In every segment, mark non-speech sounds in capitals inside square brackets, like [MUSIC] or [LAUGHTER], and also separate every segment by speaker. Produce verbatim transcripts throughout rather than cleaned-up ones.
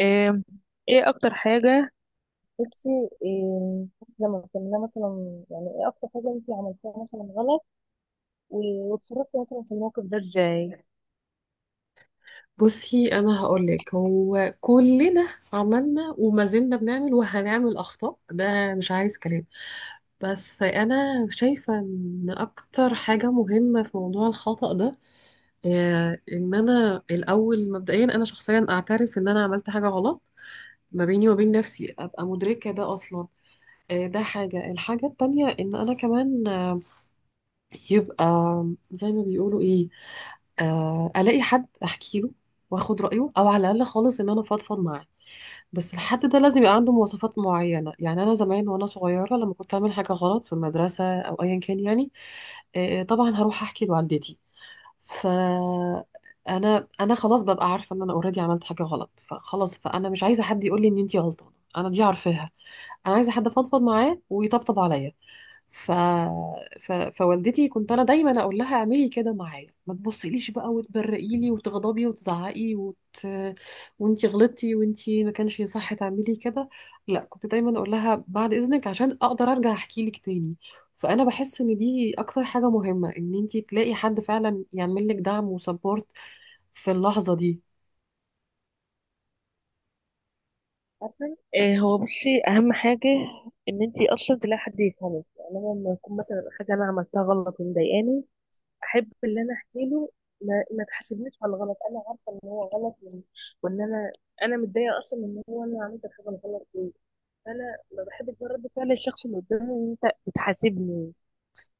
Speaker 1: آم، ايه اكتر حاجة نفسي إيه؟ لما كنا مثلا يعني ايه اكتر حاجه انت عملتيها مثلا غلط و- واتصرفتي مثلا في الموقف ده ازاي؟
Speaker 2: بصي، انا هقولك، هو كلنا عملنا وما زلنا بنعمل وهنعمل اخطاء، ده مش عايز كلام. بس انا شايفه ان اكتر حاجه مهمه في موضوع الخطأ ده، آه، ان انا الاول مبدئيا انا شخصيا اعترف ان انا عملت حاجه غلط ما بيني وبين نفسي، ابقى مدركه ده اصلا. آه، ده حاجه، الحاجه التانية ان انا كمان، آه، يبقى زي ما بيقولوا ايه، آه، الاقي حد احكي له واخد رايه، او على الاقل خالص ان انا فضفض معاه. بس الحد ده لازم يبقى عنده مواصفات معينه. يعني انا زمان وانا صغيره لما كنت اعمل حاجه غلط في المدرسه او ايا كان، يعني آه، آه، طبعا هروح احكي لوالدتي، ف انا انا خلاص ببقى عارفه ان انا اوريدي عملت حاجه غلط، فخلاص، فانا مش عايزه حد يقول لي ان انتي غلطانه، انا دي عارفاها. انا عايزه حد افضفض معاه ويطبطب عليا. ف... ف... فوالدتي كنت انا دايما اقول لها، اعملي كده معايا، ما تبصيليش بقى وتبرقي لي وتغضبي وتزعقي وت... وانتي غلطتي وانتي ما كانش يصح تعملي كده، لا، كنت دايما اقول لها بعد اذنك عشان اقدر ارجع احكي لك تاني. فانا بحس ان دي اكتر حاجة مهمة، ان انتي تلاقي حد فعلا يعمل لك دعم وسبورت في اللحظة دي.
Speaker 1: عارفه، آه، هو بصي اهم حاجة ان انتي اصلا تلاقي حد يفهمك. يعني انا لما يكون مثلا حاجة انا عملتها غلط ومضايقاني، احب اللي انا احكي له ما, ما تحاسبنيش على الغلط. انا عارفة ان هو غلط، وان وإن انا انا متضايقة اصلا ان هو انا عملت الحاجة الغلط دي. فانا ما بحبش بقى رد فعل الشخص اللي قدامي ان انت بتحاسبني.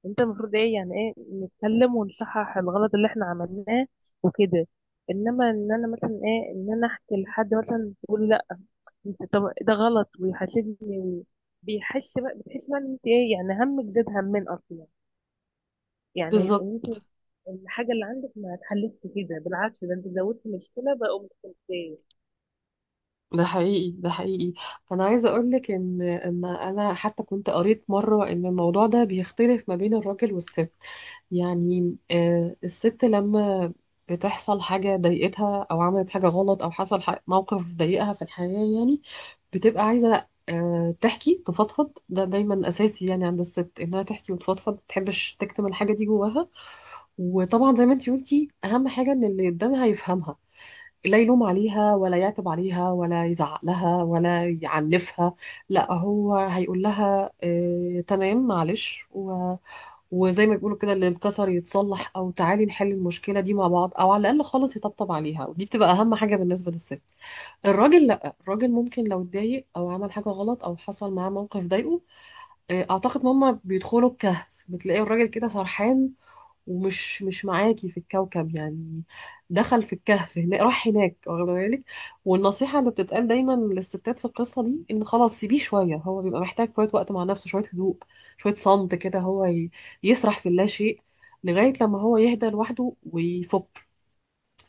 Speaker 1: انت المفروض ايه يعني، ايه، نتكلم ونصحح الغلط اللي احنا عملناه وكده. انما ان انا مثلا ايه ان انا احكي لحد مثلا يقول لا انت، طب ده غلط ويحاسبني. بيحس بقى، بتحس بقى ان انت ايه، يعني همك زاد همين اصلا. يعني ان
Speaker 2: بالظبط.
Speaker 1: انت الحاجه اللي عندك ما اتحلتش، كده بالعكس ده انت زودت مشكله بقوا مشكلتين.
Speaker 2: ده حقيقي، ده حقيقي. انا عايزه اقول لك ان ان انا حتى كنت قريت مره ان الموضوع ده بيختلف ما بين الراجل والست. يعني آه، الست لما بتحصل حاجه ضايقتها او عملت حاجه غلط او حصل ح- موقف ضايقها في الحياه، يعني بتبقى عايزه آه، تحكي تفضفض. ده دايما اساسي يعني عند الست انها تحكي وتفضفض، ما تحبش تكتم الحاجه دي جواها. وطبعا زي ما انتي قلتي، اهم حاجه ان اللي قدامها يفهمها، لا يلوم عليها ولا يعتب عليها ولا يزعق لها ولا يعنفها. لا، هو هيقول لها آه تمام معلش، و... وزي ما بيقولوا كده، اللي انكسر يتصلح، او تعالي نحل المشكله دي مع بعض، او على الاقل خالص يطبطب عليها. ودي بتبقى اهم حاجه بالنسبه للست. الراجل لا، الراجل ممكن لو اتضايق او عمل حاجه غلط او حصل معاه موقف ضايقه، آه، اعتقد ان هم بيدخلوا الكهف. بتلاقي الراجل كده سرحان ومش مش معاكي في الكوكب يعني، دخل في الكهف، هنا راح هناك، واخده بالك. والنصيحة اللي بتتقال دايما للستات في القصة دي، ان خلاص سيبيه شوية، هو بيبقى محتاج شوية وقت مع نفسه، شوية هدوء، شوية صمت كده، هو ي- يسرح في اللا شيء لغاية لما هو يهدى لوحده ويفك.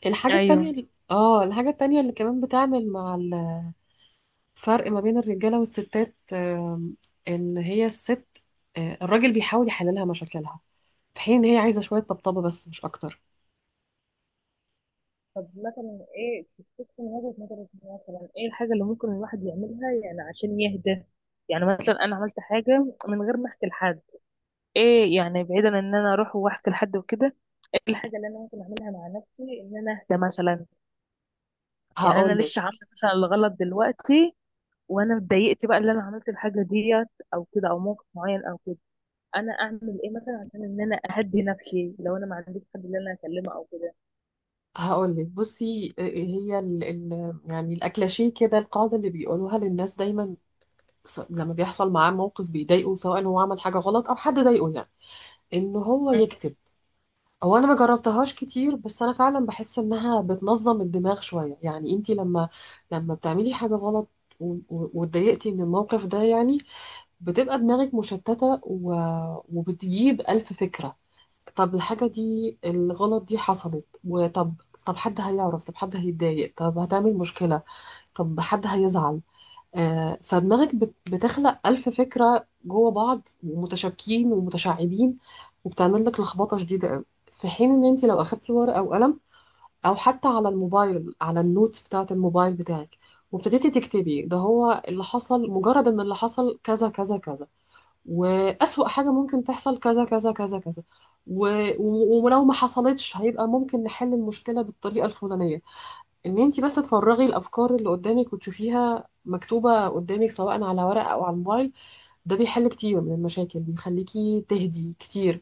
Speaker 2: الحاجة التانية
Speaker 1: ايوه.
Speaker 2: اللي- اه الحاجة التانية اللي كمان بتعمل مع الفرق ما بين الرجالة والستات، آم، ان هي الست، آه، الراجل بيحاول يحللها مشاكلها في حين ان هي عايزة شوية طبطبة بس مش اكتر.
Speaker 1: طب مثلا ايه تفتكر من وجهة نظرك، مثلا ايه الحاجة اللي ممكن الواحد يعملها يعني عشان يهدى؟ يعني مثلا انا عملت حاجة من غير ما احكي لحد، ايه يعني بعيدا ان انا اروح واحكي لحد وكده، ايه الحاجه اللي انا ممكن اعملها مع نفسي ان انا اهدى مثلا؟ يعني انا
Speaker 2: هقول لك
Speaker 1: لسه عامله مثلا الغلط دلوقتي وانا اتضايقت بقى اللي انا عملت الحاجه ديت، او كده او موقف معين او كده، انا اعمل ايه مثلا عشان ان انا اهدي نفسي لو انا ما عنديش حد اللي انا اكلمه او كده؟
Speaker 2: هقول لك بصي، آه، آه، هي ال ال يعني الاكلاشيه كده، القاعده اللي بيقولوها للناس دايما، س- لما بيحصل معاه موقف بيضايقه، سواء هو عمل حاجه غلط او حد ضايقه، يعني ان هو
Speaker 1: مم.
Speaker 2: يكتب. هو انا ما جربتهاش كتير، بس انا فعلا بحس انها بتنظم الدماغ شويه. يعني انت لما، لما بتعملي حاجه غلط و- و- واتضايقتي من الموقف ده، يعني بتبقى دماغك مشتته، و- وبتجيب الف فكره. طب الحاجة دي، الغلط دي حصلت، وطب، طب حد هيعرف، طب حد هيتضايق، طب هتعمل مشكلة، طب حد هيزعل. آه، فدماغك بت- بتخلق ألف فكرة جوه بعض ومتشابكين ومتشعبين، وبتعمل لك لخبطة شديدة قوي. في حين ان انت لو اخدتي ورقة وقلم، او حتى على الموبايل، على النوت بتاعة الموبايل بتاعك، وابتديتي تكتبي ده هو اللي حصل، مجرد ان اللي حصل كذا كذا كذا، وأسوأ حاجة ممكن تحصل كذا كذا كذا كذا، و... و- ولو ما حصلتش هيبقى ممكن نحل المشكلة بالطريقة الفلانية. ان انت بس تفرغي الأفكار اللي قدامك وتشوفيها مكتوبة قدامك، سواء على ورق أو على الموبايل، ده بيحل كتير من المشاكل، بيخليكي تهدي كتير.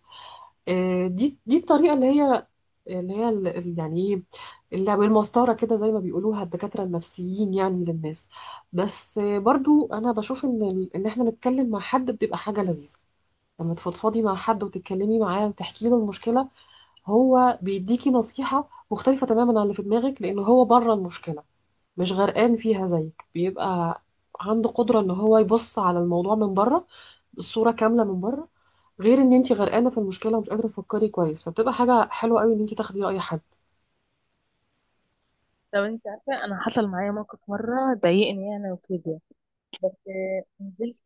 Speaker 2: آه، دي دي الطريقة اللي هي اللي هي ال- ال- يعني ايه، اللي بالمسطرة كده زي ما بيقولوها الدكاترة النفسيين يعني للناس. بس آه، برضو أنا بشوف إن ال- إن إحنا نتكلم مع حد بتبقى حاجة لذيذة. لما تفضفضي مع حد وتتكلمي معاه وتحكي له المشكله، هو بيديكي نصيحه مختلفه تماما عن اللي في دماغك، لان هو بره المشكله، مش غرقان فيها زيك، بيبقى عنده قدره ان هو يبص على الموضوع من بره، الصوره كامله من بره، غير ان انت غرقانه في المشكله ومش قادره تفكري كويس. فبتبقى حاجه حلوه قوي ان انت تاخدي راي حد.
Speaker 1: لو انت عارفه انا حصل معايا موقف مره ضايقني يعني وكده، آه، نزلت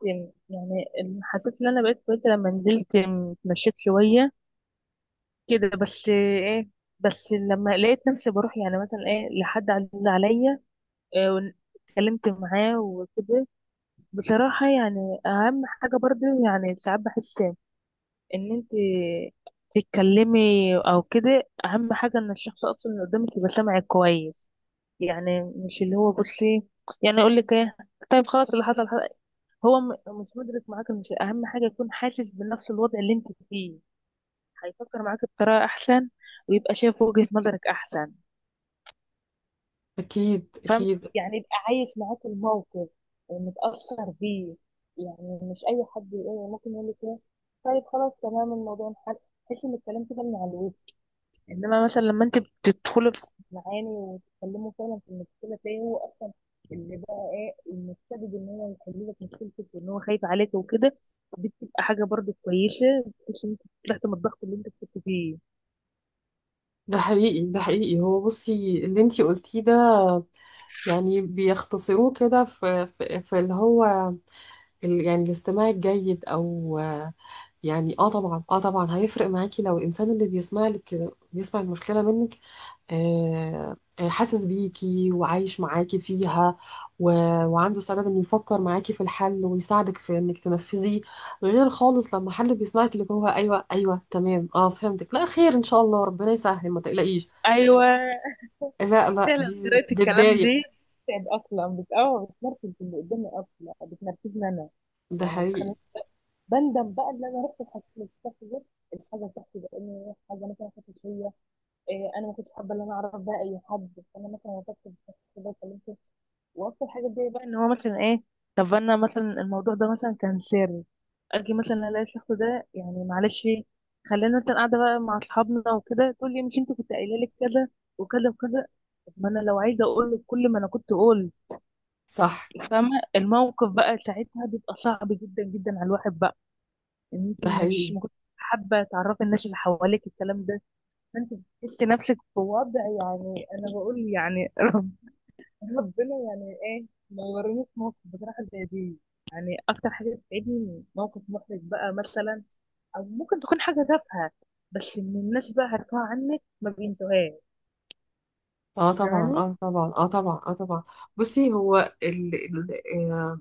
Speaker 1: يعني، حسيت ان انا بقيت كويسه لما نزلت اتمشيت شويه كده بس. ايه، بس لما لقيت نفسي بروح يعني مثلا ايه لحد عزيز عليا، إيه، ون- اتكلمت معاه وكده. بصراحة يعني أهم حاجة برضو، يعني ساعات بحس إن أنت تتكلمي أو كده، أهم حاجة إن الشخص أصلا اللي قدامك يبقى سامعك كويس. يعني مش اللي هو بصي يعني أقول لك إيه، طيب خلاص اللي حصل حصل. هو م- مش مدرك معاك. مش أهم حاجة يكون حاسس بنفس الوضع اللي أنت فيه؟ هيفكر معاك بطريقة أحسن ويبقى شايف وجهة نظرك أحسن.
Speaker 2: اكيد
Speaker 1: فاهم؟
Speaker 2: اكيد.
Speaker 1: يعني يبقى عايش معاك الموقف متأثر بيه. يعني مش أي حد يقول ممكن يقول لك إيه طيب خلاص تمام الموضوع انحل. تحس إن الكلام كده من على الوش. إنما مثلا لما أنت بتدخلي في معاني وتتكلموا فعلا في المشكلة تلاقي هو أصلا اللي بقى إيه، المستبد إن هو يحل لك مشكلتك وإن هو خايف عليك وكده. دي بتبقى حاجة برضه كويسة، بتحس إن أنت طلعت من الضغط اللي أنت كنت فيه.
Speaker 2: ده حقيقي، ده حقيقي. هو بصي اللي انت قلتيه ده، يعني بيختصروه كده في في, في اللي هو ال- يعني الاستماع الجيد. او يعني اه طبعا، اه طبعا هيفرق معاكي لو الانسان اللي بيسمع لك بيسمع المشكله منك، آه آه، حاسس بيكي وعايش معاكي فيها، و... وعنده استعداد انه يفكر معاكي في الحل ويساعدك في انك تنفذيه. غير خالص لما حد بيسمعك، اللي هو ايوه ايوه تمام اه فهمتك لا خير ان شاء الله ربنا يسهل ما تقلقيش،
Speaker 1: أيوه.
Speaker 2: لا لا،
Speaker 1: فعلا
Speaker 2: دي
Speaker 1: طريقة الكلام
Speaker 2: بتضايق.
Speaker 1: دي بتتعب اصلا، بتقوى بتنرفز اللي قدامي، اصلا بتنرفزني انا.
Speaker 2: ده
Speaker 1: يعني ما
Speaker 2: حقيقي.
Speaker 1: بتخليني، بندم بقى ان انا رحت الحكومه دي الحاجه بتاعتي، لان حاجه مثلا كانت شويه إيه، انا ما كنتش حابه ان انا اعرف بقى اي حد، فانا مثلا وقفت في الشخص ده وكلمته. واكتر حاجه بتضايق بقى ان هو مثلا ايه، طب انا مثلا الموضوع ده مثلا كان سر، اجي مثلا الاقي الشخص ده يعني معلش خلينا مثلا قاعده بقى مع اصحابنا وكده تقول لي مش انت كنت قايله لك كذا وكذا وكذا. ما انا لو عايزه اقول لك كل ما انا كنت اقول.
Speaker 2: صح.
Speaker 1: فاهمه؟ الموقف بقى ساعتها بيبقى صعب جدا جدا على الواحد بقى، ان انت
Speaker 2: ده
Speaker 1: مش
Speaker 2: حقيقي.
Speaker 1: ما كنت حابه تعرفي الناس اللي حواليك الكلام ده. فانت بتحسي نفسك في وضع يعني. انا بقول يعني [LAUGHS] رب ربنا يعني ايه ما يورينيش موقف بصراحه زي دي. يعني اكتر حاجه بتتعبني موقف محرج بقى مثلا، او ممكن تكون حاجه تافهه بس ان الناس بقى عارفاها عنك ما بينسوهاش.
Speaker 2: اه طبعا،
Speaker 1: فاهماني؟
Speaker 2: اه طبعا، اه طبعا، اه طبعا. بصي، هو ال... ال... آه،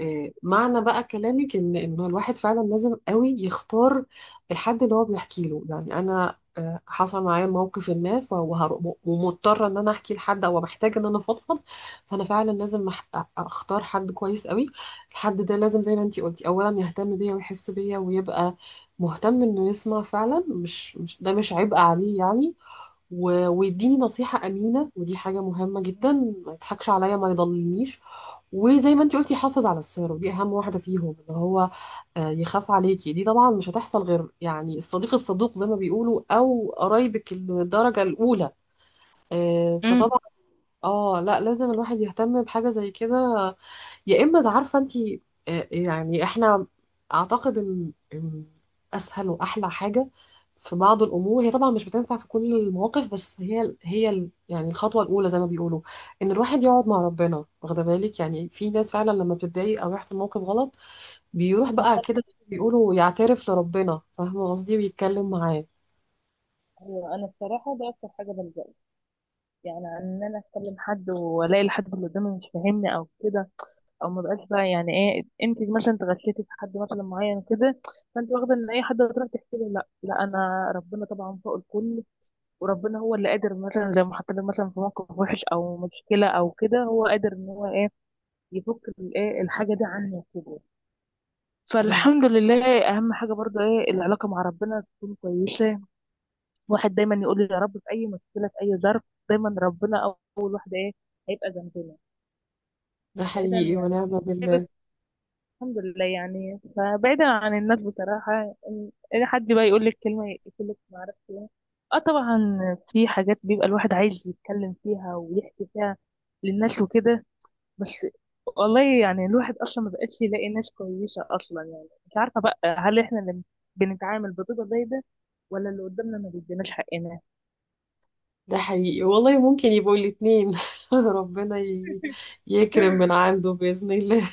Speaker 2: آه، معنى بقى كلامك ان انه الواحد فعلا لازم قوي يختار الحد اللي هو بيحكي له. يعني انا آه، حصل معايا موقف ما، ف- وهر- ومضطره ان انا احكي لحد، او محتاجه ان انا افضفض، فانا فعلا لازم أح- اختار حد كويس قوي. الحد ده لازم زي ما انتي قلتي، اولا يهتم بيا ويحس بيا ويبقى مهتم انه يسمع فعلا، مش مش ده مش عبء عليه يعني. و- ويديني نصيحة أمينة، ودي حاجة مهمة جدا، ما يضحكش عليا، ما يضللنيش. وزي ما انت قلتي، يحافظ على السر، ودي أهم واحدة فيهم، اللي هو آه، يخاف عليكي. دي طبعا مش هتحصل غير يعني الصديق الصدوق زي ما بيقولوا، أو قرايبك الدرجة الأولى. آه،
Speaker 1: امم.
Speaker 2: فطبعا اه، لا لازم الواحد يهتم بحاجة زي كده، يا اما إذا عارفه انت، يعني احنا اعتقد ان إن اسهل واحلى حاجه في بعض الامور، هي طبعا مش بتنفع في كل المواقف، بس هي هي ال- يعني الخطوه الاولى زي ما بيقولوا، ان الواحد يقعد مع ربنا. واخده بالك، يعني في ناس فعلا لما بتتضايق او يحصل موقف غلط، بيروح بقى
Speaker 1: مثلا
Speaker 2: كده زي ما بيقولوا يعترف لربنا، فاهمه قصدي، ويتكلم معاه.
Speaker 1: انا بصراحه ده اكتر حاجه بلجأ، يعني ان انا اتكلم حد والاقي الحد اللي قدامي مش فاهمني او كده، او ما بقاش بقى يعني ايه، انت مثلا اتغشيتي في حد مثلا معين كده فانت واخده ان اي حد هتروح تحكي لي. لا لا، انا ربنا طبعا فوق الكل، وربنا هو اللي قادر مثلا زي ما حطيت مثلا في موقف وحش او مشكله او كده هو قادر ان هو ايه يفك الايه الحاجه دي عني كده.
Speaker 2: بس.
Speaker 1: فالحمد لله، اهم حاجه برضو ايه، العلاقه مع ربنا تكون كويسه. واحد دايما يقول لي يا رب. في اي مشكله، في اي ظرف، دايما ربنا اول واحد ايه هيبقى جنبنا.
Speaker 2: ده
Speaker 1: بعيدا
Speaker 2: حقيقي
Speaker 1: يعني،
Speaker 2: ونعم بالله.
Speaker 1: سيبك- الحمد لله يعني. فبعيدا عن الناس بصراحة إن إن حد بقى يقول لك كلمة يقول لك ما أعرفش إيه. اه طبعا، في حاجات بيبقى الواحد عايز يتكلم فيها ويحكي فيها للناس وكده بس. والله يعني الواحد أصلا ما بقاش يلاقي ناس كويسة أصلا. يعني مش عارفة بقى هل إحنا اللي بنتعامل بطريقة زي ده ولا اللي قدامنا ما بيديناش حقنا؟
Speaker 2: ده حقيقي والله، ممكن يبقوا الاتنين [LAUGHS] ربنا ي... يكرم من عنده بإذن الله.